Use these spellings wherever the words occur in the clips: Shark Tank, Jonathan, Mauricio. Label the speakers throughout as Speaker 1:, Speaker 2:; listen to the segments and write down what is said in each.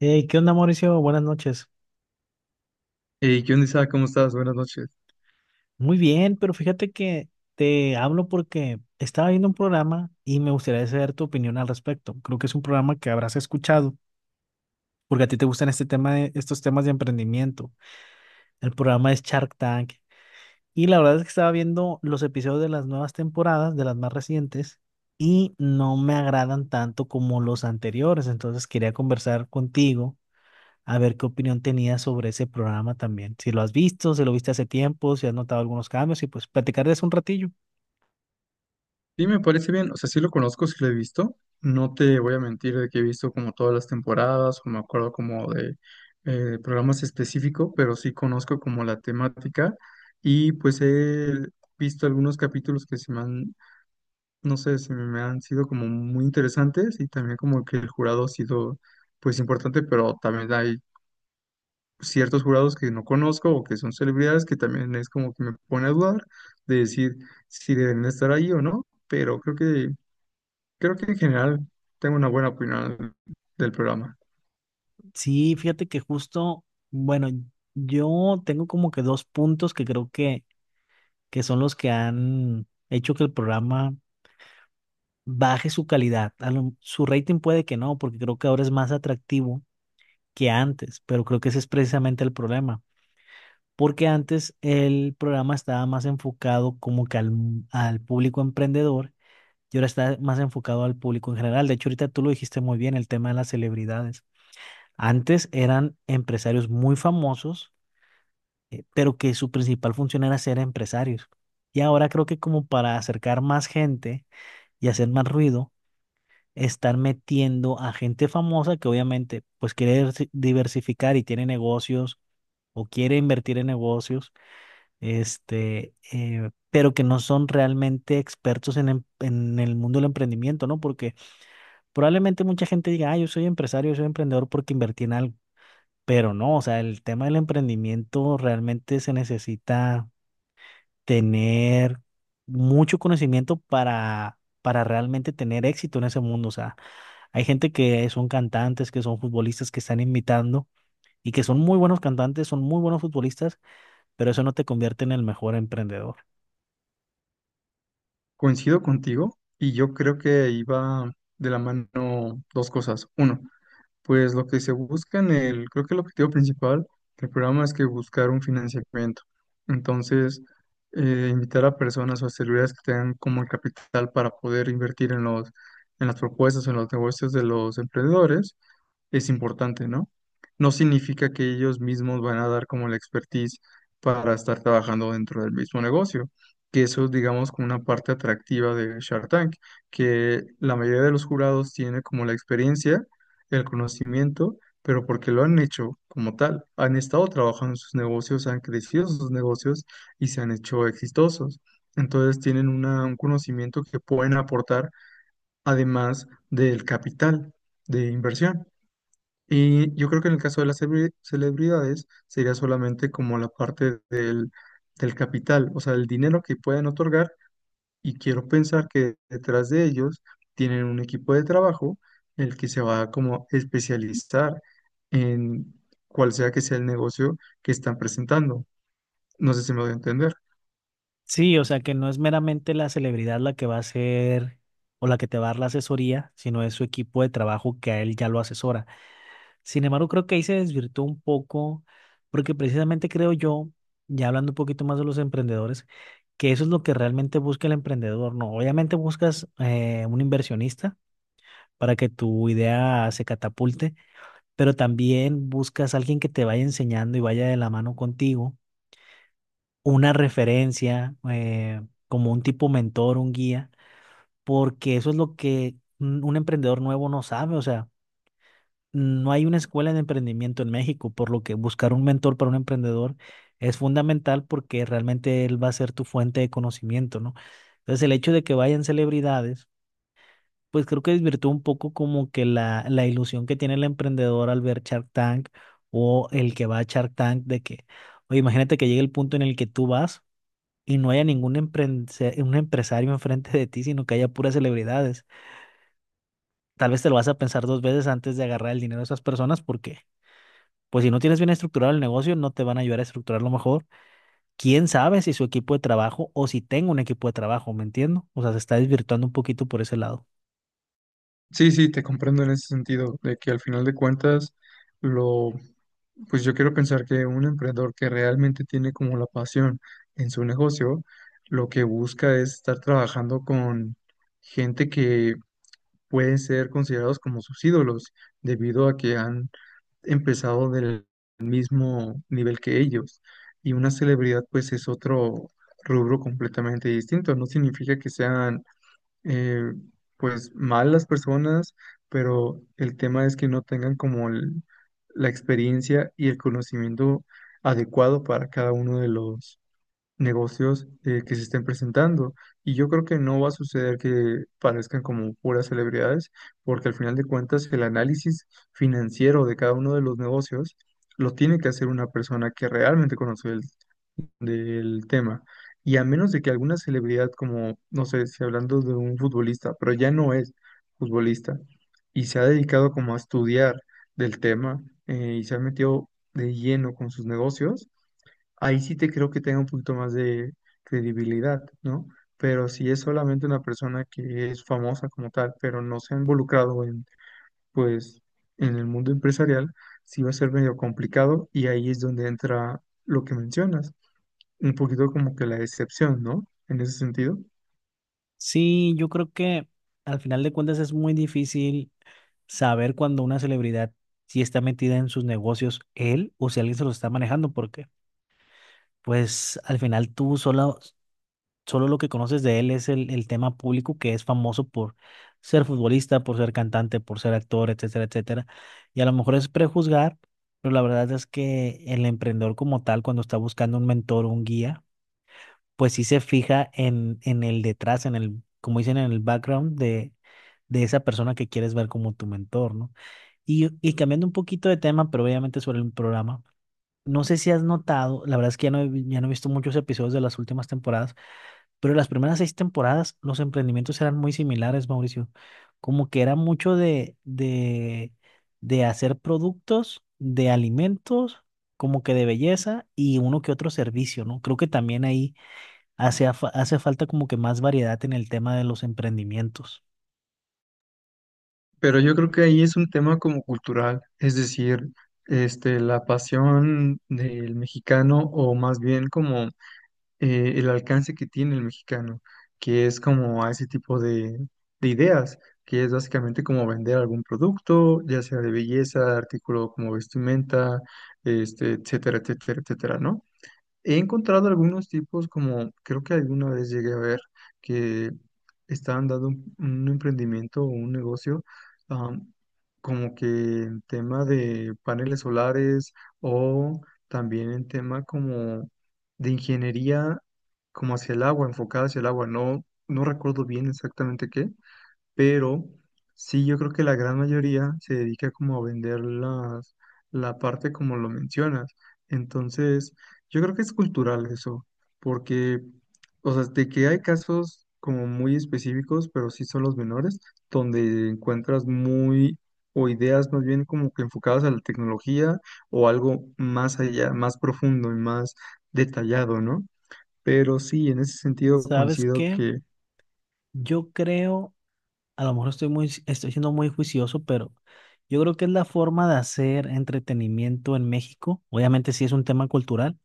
Speaker 1: Hey, ¿qué onda, Mauricio? Buenas noches.
Speaker 2: Hey, ¿qué onda, Isa? ¿Cómo estás? Buenas noches.
Speaker 1: Muy bien, pero fíjate que te hablo porque estaba viendo un programa y me gustaría saber tu opinión al respecto. Creo que es un programa que habrás escuchado porque a ti te gustan este tema de, estos temas de emprendimiento. El programa es Shark Tank y la verdad es que estaba viendo los episodios de las nuevas temporadas, de las más recientes, y no me agradan tanto como los anteriores. Entonces quería conversar contigo a ver qué opinión tenías sobre ese programa también. Si lo has visto, si lo viste hace tiempo, si has notado algunos cambios y pues platicar de eso un ratillo.
Speaker 2: Sí, me parece bien. O sea, sí lo conozco, sí lo he visto. No te voy a mentir de que he visto como todas las temporadas o me acuerdo como de programas específicos, pero sí conozco como la temática y pues he visto algunos capítulos que se me han, no sé, se me han sido como muy interesantes y también como que el jurado ha sido pues importante, pero también hay ciertos jurados que no conozco o que son celebridades que también es como que me pone a dudar de decir si deben estar ahí o no, pero creo que en general tengo una buena opinión del programa.
Speaker 1: Sí, fíjate que justo, bueno, yo tengo como que dos puntos que creo que son los que han hecho que el programa baje su calidad. A lo- su rating puede que no, porque creo que ahora es más atractivo que antes, pero creo que ese es precisamente el problema. Porque antes el programa estaba más enfocado como que al público emprendedor y ahora está más enfocado al público en general. De hecho, ahorita tú lo dijiste muy bien, el tema de las celebridades. Antes eran empresarios muy famosos, pero que su principal función era ser empresarios. Y ahora creo que como para acercar más gente y hacer más ruido, están metiendo a gente famosa que obviamente pues quiere diversi- diversificar y tiene negocios o quiere invertir en negocios, pero que no son realmente expertos en, em- en el mundo del emprendimiento, ¿no? Porque probablemente mucha gente diga, ah, yo soy empresario, yo soy emprendedor porque invertí en algo, pero no, o sea, el tema del emprendimiento realmente se necesita tener mucho conocimiento para realmente tener éxito en ese mundo. O sea, hay gente que son cantantes, que son futbolistas, que están imitando y que son muy buenos cantantes, son muy buenos futbolistas, pero eso no te convierte en el mejor emprendedor.
Speaker 2: Coincido contigo y yo creo que iba de la mano dos cosas. Uno, pues lo que se busca en el, creo que el objetivo principal del programa es que buscar un financiamiento. Entonces, invitar a personas o a celebridades que tengan como el capital para poder invertir en los, en las propuestas, o en los negocios de los emprendedores es importante, ¿no? No significa que ellos mismos van a dar como la expertise para estar trabajando dentro del mismo negocio, que eso es, digamos, como una parte atractiva de Shark Tank, que la mayoría de los jurados tiene como la experiencia, el conocimiento, pero porque lo han hecho como tal, han estado trabajando en sus negocios, han crecido sus negocios y se han hecho exitosos. Entonces tienen una- un conocimiento que pueden aportar además del capital de inversión. Y yo creo que en el caso de las celebre- celebridades sería solamente como la parte del, del capital, o sea, el dinero que pueden otorgar y quiero pensar que detrás de ellos tienen un equipo de trabajo el que se va como a especializar en cual sea que sea el negocio que están presentando. No sé si me voy a entender.
Speaker 1: Sí, o sea que no es meramente la celebridad la que va a hacer o la que te va a dar la asesoría, sino es su equipo de trabajo que a él ya lo asesora. Sin embargo, creo que ahí se desvirtuó un poco, porque precisamente creo yo, ya hablando un poquito más de los emprendedores, que eso es lo que realmente busca el emprendedor, ¿no? Obviamente buscas un inversionista para que tu idea se catapulte, pero también buscas a alguien que te vaya enseñando y vaya de la mano contigo una referencia, como un tipo mentor, un guía, porque eso es lo que un emprendedor nuevo no sabe. O sea, no hay una escuela de emprendimiento en México, por lo que buscar un mentor para un emprendedor es fundamental porque realmente él va a ser tu fuente de conocimiento, ¿no? Entonces, el hecho de que vayan celebridades, pues creo que desvirtúa un poco como que la ilusión que tiene el emprendedor al ver Shark Tank o el que va a Shark Tank de que, oye, imagínate que llegue el punto en el que tú vas y no haya ningún emprendse- un empresario enfrente de ti, sino que haya puras celebridades. Tal vez te lo vas a pensar dos veces antes de agarrar el dinero de esas personas porque, pues si no tienes bien estructurado el negocio, no te van a ayudar a estructurarlo mejor. ¿Quién sabe si su equipo de trabajo o si tengo un equipo de trabajo, ¿me entiendo? O sea, se está desvirtuando un poquito por ese lado.
Speaker 2: Sí, sí, te comprendo en ese sentido, de que al final de cuentas lo pues yo quiero pensar que un emprendedor que realmente tiene como la pasión en su negocio, lo que busca es estar trabajando con gente que pueden ser considerados como sus ídolos, debido a que han empezado del mismo nivel que ellos. Y una celebridad pues es otro rubro completamente distinto. No significa que sean eh, pues mal las personas, pero el tema es que no tengan como el- la experiencia y el conocimiento adecuado para cada uno de los negocios que se estén presentando. Y yo creo que no va a suceder que parezcan como puras celebridades, porque al final de cuentas el análisis financiero de cada uno de los negocios lo tiene que hacer una persona que realmente conoce el del tema. Y a menos de que alguna celebridad, como, no sé, si hablando de un futbolista, pero ya no es futbolista, y se ha dedicado como a estudiar del tema y se ha metido de lleno con sus negocios, ahí sí te creo que tenga un poquito más de credibilidad, ¿no? Pero si es solamente una persona que es famosa como tal, pero no se ha involucrado en, pues, en el mundo empresarial, sí va a ser medio complicado y ahí es donde entra lo que mencionas un poquito como que la excepción, ¿no? En ese sentido.
Speaker 1: Sí, yo creo que al final de cuentas es muy difícil saber cuando una celebridad si está metida en sus negocios él o si alguien se lo está manejando porque… Pues al final tú solo, solo lo que conoces de él es el tema público, que es famoso por ser futbolista, por ser cantante, por ser actor, etcétera, etcétera. Y a lo mejor es prejuzgar, pero la verdad es que el emprendedor como tal, cuando está buscando un mentor, o un guía, pues sí se fija en el detrás, en el, como dicen, en el background de esa persona que quieres ver como tu mentor, ¿no? Y cambiando un poquito de tema, pero obviamente sobre el programa, no sé si has notado, la verdad es que ya no he, vi- ya no he visto muchos episodios de las últimas temporadas, pero las primeras seis temporadas los emprendimientos eran muy similares, Mauricio. Como que era mucho de hacer productos, de alimentos, como que de belleza y uno que otro servicio, ¿no? Creo que también ahí hace, afa- hace falta como que más variedad en el tema de los emprendimientos.
Speaker 2: Pero yo creo que ahí es un tema como cultural, es decir, este, la pasión del mexicano o más bien como el alcance que tiene el mexicano, que es como a ese tipo de ideas, que es básicamente como vender algún producto, ya sea de belleza, artículo como vestimenta, este, etcétera, etcétera, etcétera, ¿no? He encontrado algunos tipos como, creo que alguna vez llegué a ver que estaban dando un emprendimiento o un negocio am, como que en tema de paneles solares o también en tema como de ingeniería como hacia el agua, enfocada hacia el agua. No, no recuerdo bien exactamente qué, pero sí yo creo que la gran mayoría se dedica como a vender las, la parte como lo mencionas. Entonces, yo creo que es cultural eso, porque, o sea, de que hay casos como muy específicos, pero sí son los menores, donde encuentras muy, o ideas más bien como que enfocadas a la tecnología o algo más allá, más profundo y más detallado, ¿no? Pero sí, en ese sentido
Speaker 1: ¿Sabes
Speaker 2: coincido
Speaker 1: qué?
Speaker 2: que
Speaker 1: Yo creo, a lo mejor estoy muy, estoy siendo muy juicioso, pero yo creo que es la forma de hacer entretenimiento en México. Obviamente sí es un tema cultural,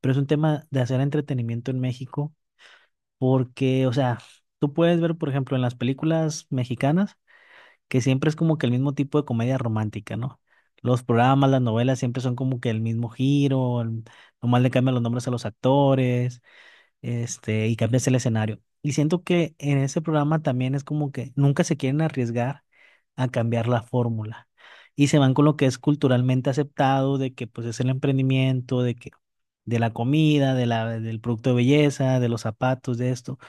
Speaker 1: pero es un tema de hacer entretenimiento en México, porque, o sea, tú puedes ver, por ejemplo, en las películas mexicanas, que siempre es como que el mismo tipo de comedia romántica, ¿no? Los programas, las novelas siempre son como que el mismo giro, el- nomás le cambian los nombres a los actores, y cambias el escenario. Y siento que en ese programa también es como que nunca se quieren arriesgar a cambiar la fórmula y se van con lo que es culturalmente aceptado, de que pues es el emprendimiento, de que de la comida, de la, del producto de belleza, de los zapatos, de esto,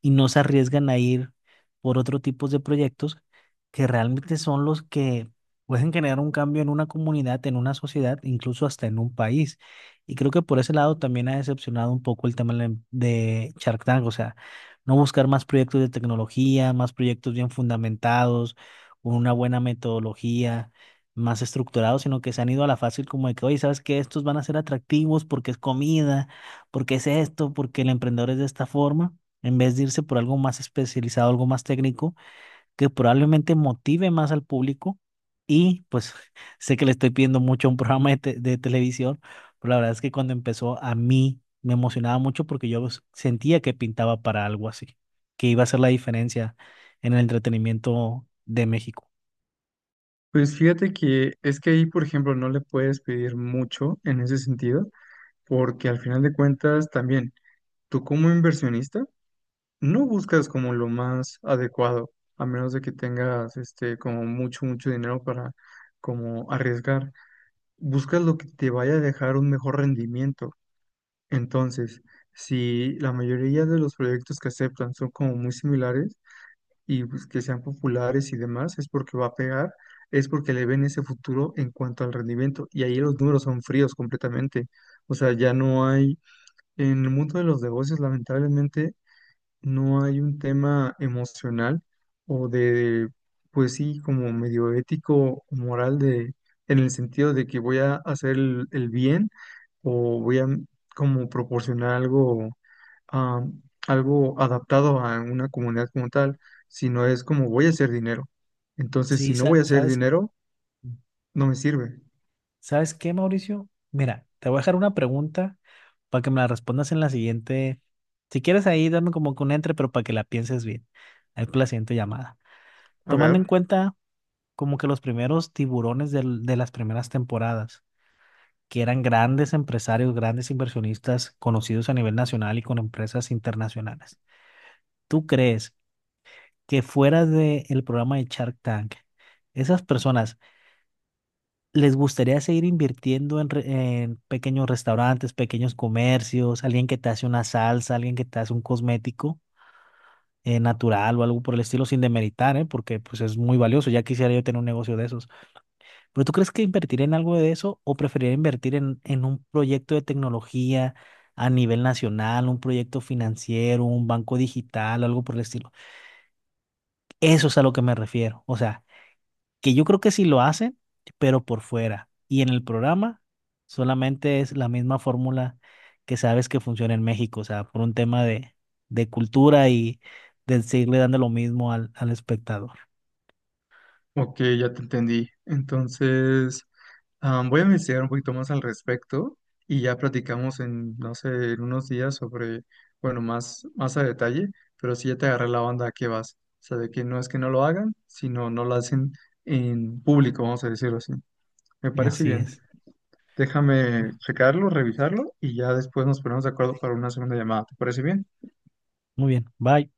Speaker 1: y no se arriesgan a ir por otro tipo de proyectos que realmente son los que pueden generar un cambio en una comunidad, en una sociedad, incluso hasta en un país. Y creo que por ese lado también ha decepcionado un poco el tema de Shark Tank, o sea, no buscar más proyectos de tecnología, más proyectos bien fundamentados, con una buena metodología, más estructurados, sino que se han ido a la fácil como de que, oye, ¿sabes qué? Estos van a ser atractivos porque es comida, porque es esto, porque el emprendedor es de esta forma, en vez de irse por algo más especializado, algo más técnico, que probablemente motive más al público. Y pues sé que le estoy pidiendo mucho a un programa de, te- de televisión, pero la verdad es que cuando empezó a mí me emocionaba mucho porque yo s- sentía que pintaba para algo así, que iba a ser la diferencia en el entretenimiento de México.
Speaker 2: pues fíjate que es que ahí, por ejemplo, no le puedes pedir mucho en ese sentido, porque al final de cuentas también tú como inversionista no buscas como lo más adecuado, a menos de que tengas este como mucho, mucho dinero para como arriesgar. Buscas lo que te vaya a dejar un mejor rendimiento. Entonces, si la mayoría de los proyectos que aceptan son como muy similares, y pues, que sean populares y demás, es porque va a pegar, es porque le ven ese futuro en cuanto al rendimiento. Y ahí los números son fríos completamente. O sea, ya no hay, en el mundo de los negocios, lamentablemente, no hay un tema emocional o de, pues sí, como medio ético o moral de, en el sentido de que voy a hacer el bien o voy a como proporcionar algo ah, algo adaptado a una comunidad como tal, sino es como voy a hacer dinero. Entonces,
Speaker 1: Sí,
Speaker 2: si no voy
Speaker 1: sa-
Speaker 2: a hacer
Speaker 1: ¿sabes?
Speaker 2: dinero, no me sirve.
Speaker 1: ¿Sabes qué, Mauricio? Mira, te voy a dejar una pregunta para que me la respondas en la siguiente. Si quieres ahí, dame como que un entre, pero para que la pienses bien. Ahí con la siguiente llamada.
Speaker 2: A
Speaker 1: Tomando en
Speaker 2: ver,
Speaker 1: cuenta como que los primeros tiburones del- de las primeras temporadas, que eran grandes empresarios, grandes inversionistas conocidos a nivel nacional y con empresas internacionales. ¿Tú crees que fuera del programa de Shark Tank, esas personas les gustaría seguir invirtiendo en, re- en pequeños restaurantes, pequeños comercios, alguien que te hace una salsa, alguien que te hace un cosmético natural o algo por el estilo, sin demeritar, ¿eh? Porque pues es muy valioso, ya quisiera yo tener un negocio de esos. ¿Pero tú crees que invertir en algo de eso o preferiría invertir en un proyecto de tecnología a nivel nacional, un proyecto financiero, un banco digital, algo por el estilo? Eso es a lo que me refiero. O sea… que yo creo que sí lo hacen, pero por fuera. Y en el programa solamente es la misma fórmula que sabes que funciona en México, o sea, por un tema de cultura y de seguirle dando lo mismo al, al espectador.
Speaker 2: ok, ya te entendí. Entonces, voy a investigar un poquito más al respecto y ya platicamos en, no sé, en unos días sobre, bueno, más, más a detalle, pero sí ya te agarré la onda a qué vas. O sea, de que no es que no lo hagan, sino no lo hacen en público, vamos a decirlo así. Me parece
Speaker 1: Así
Speaker 2: bien.
Speaker 1: es.
Speaker 2: Déjame checarlo, revisarlo y ya después nos ponemos de acuerdo para una segunda llamada. ¿Te parece bien?
Speaker 1: Muy bien, bye.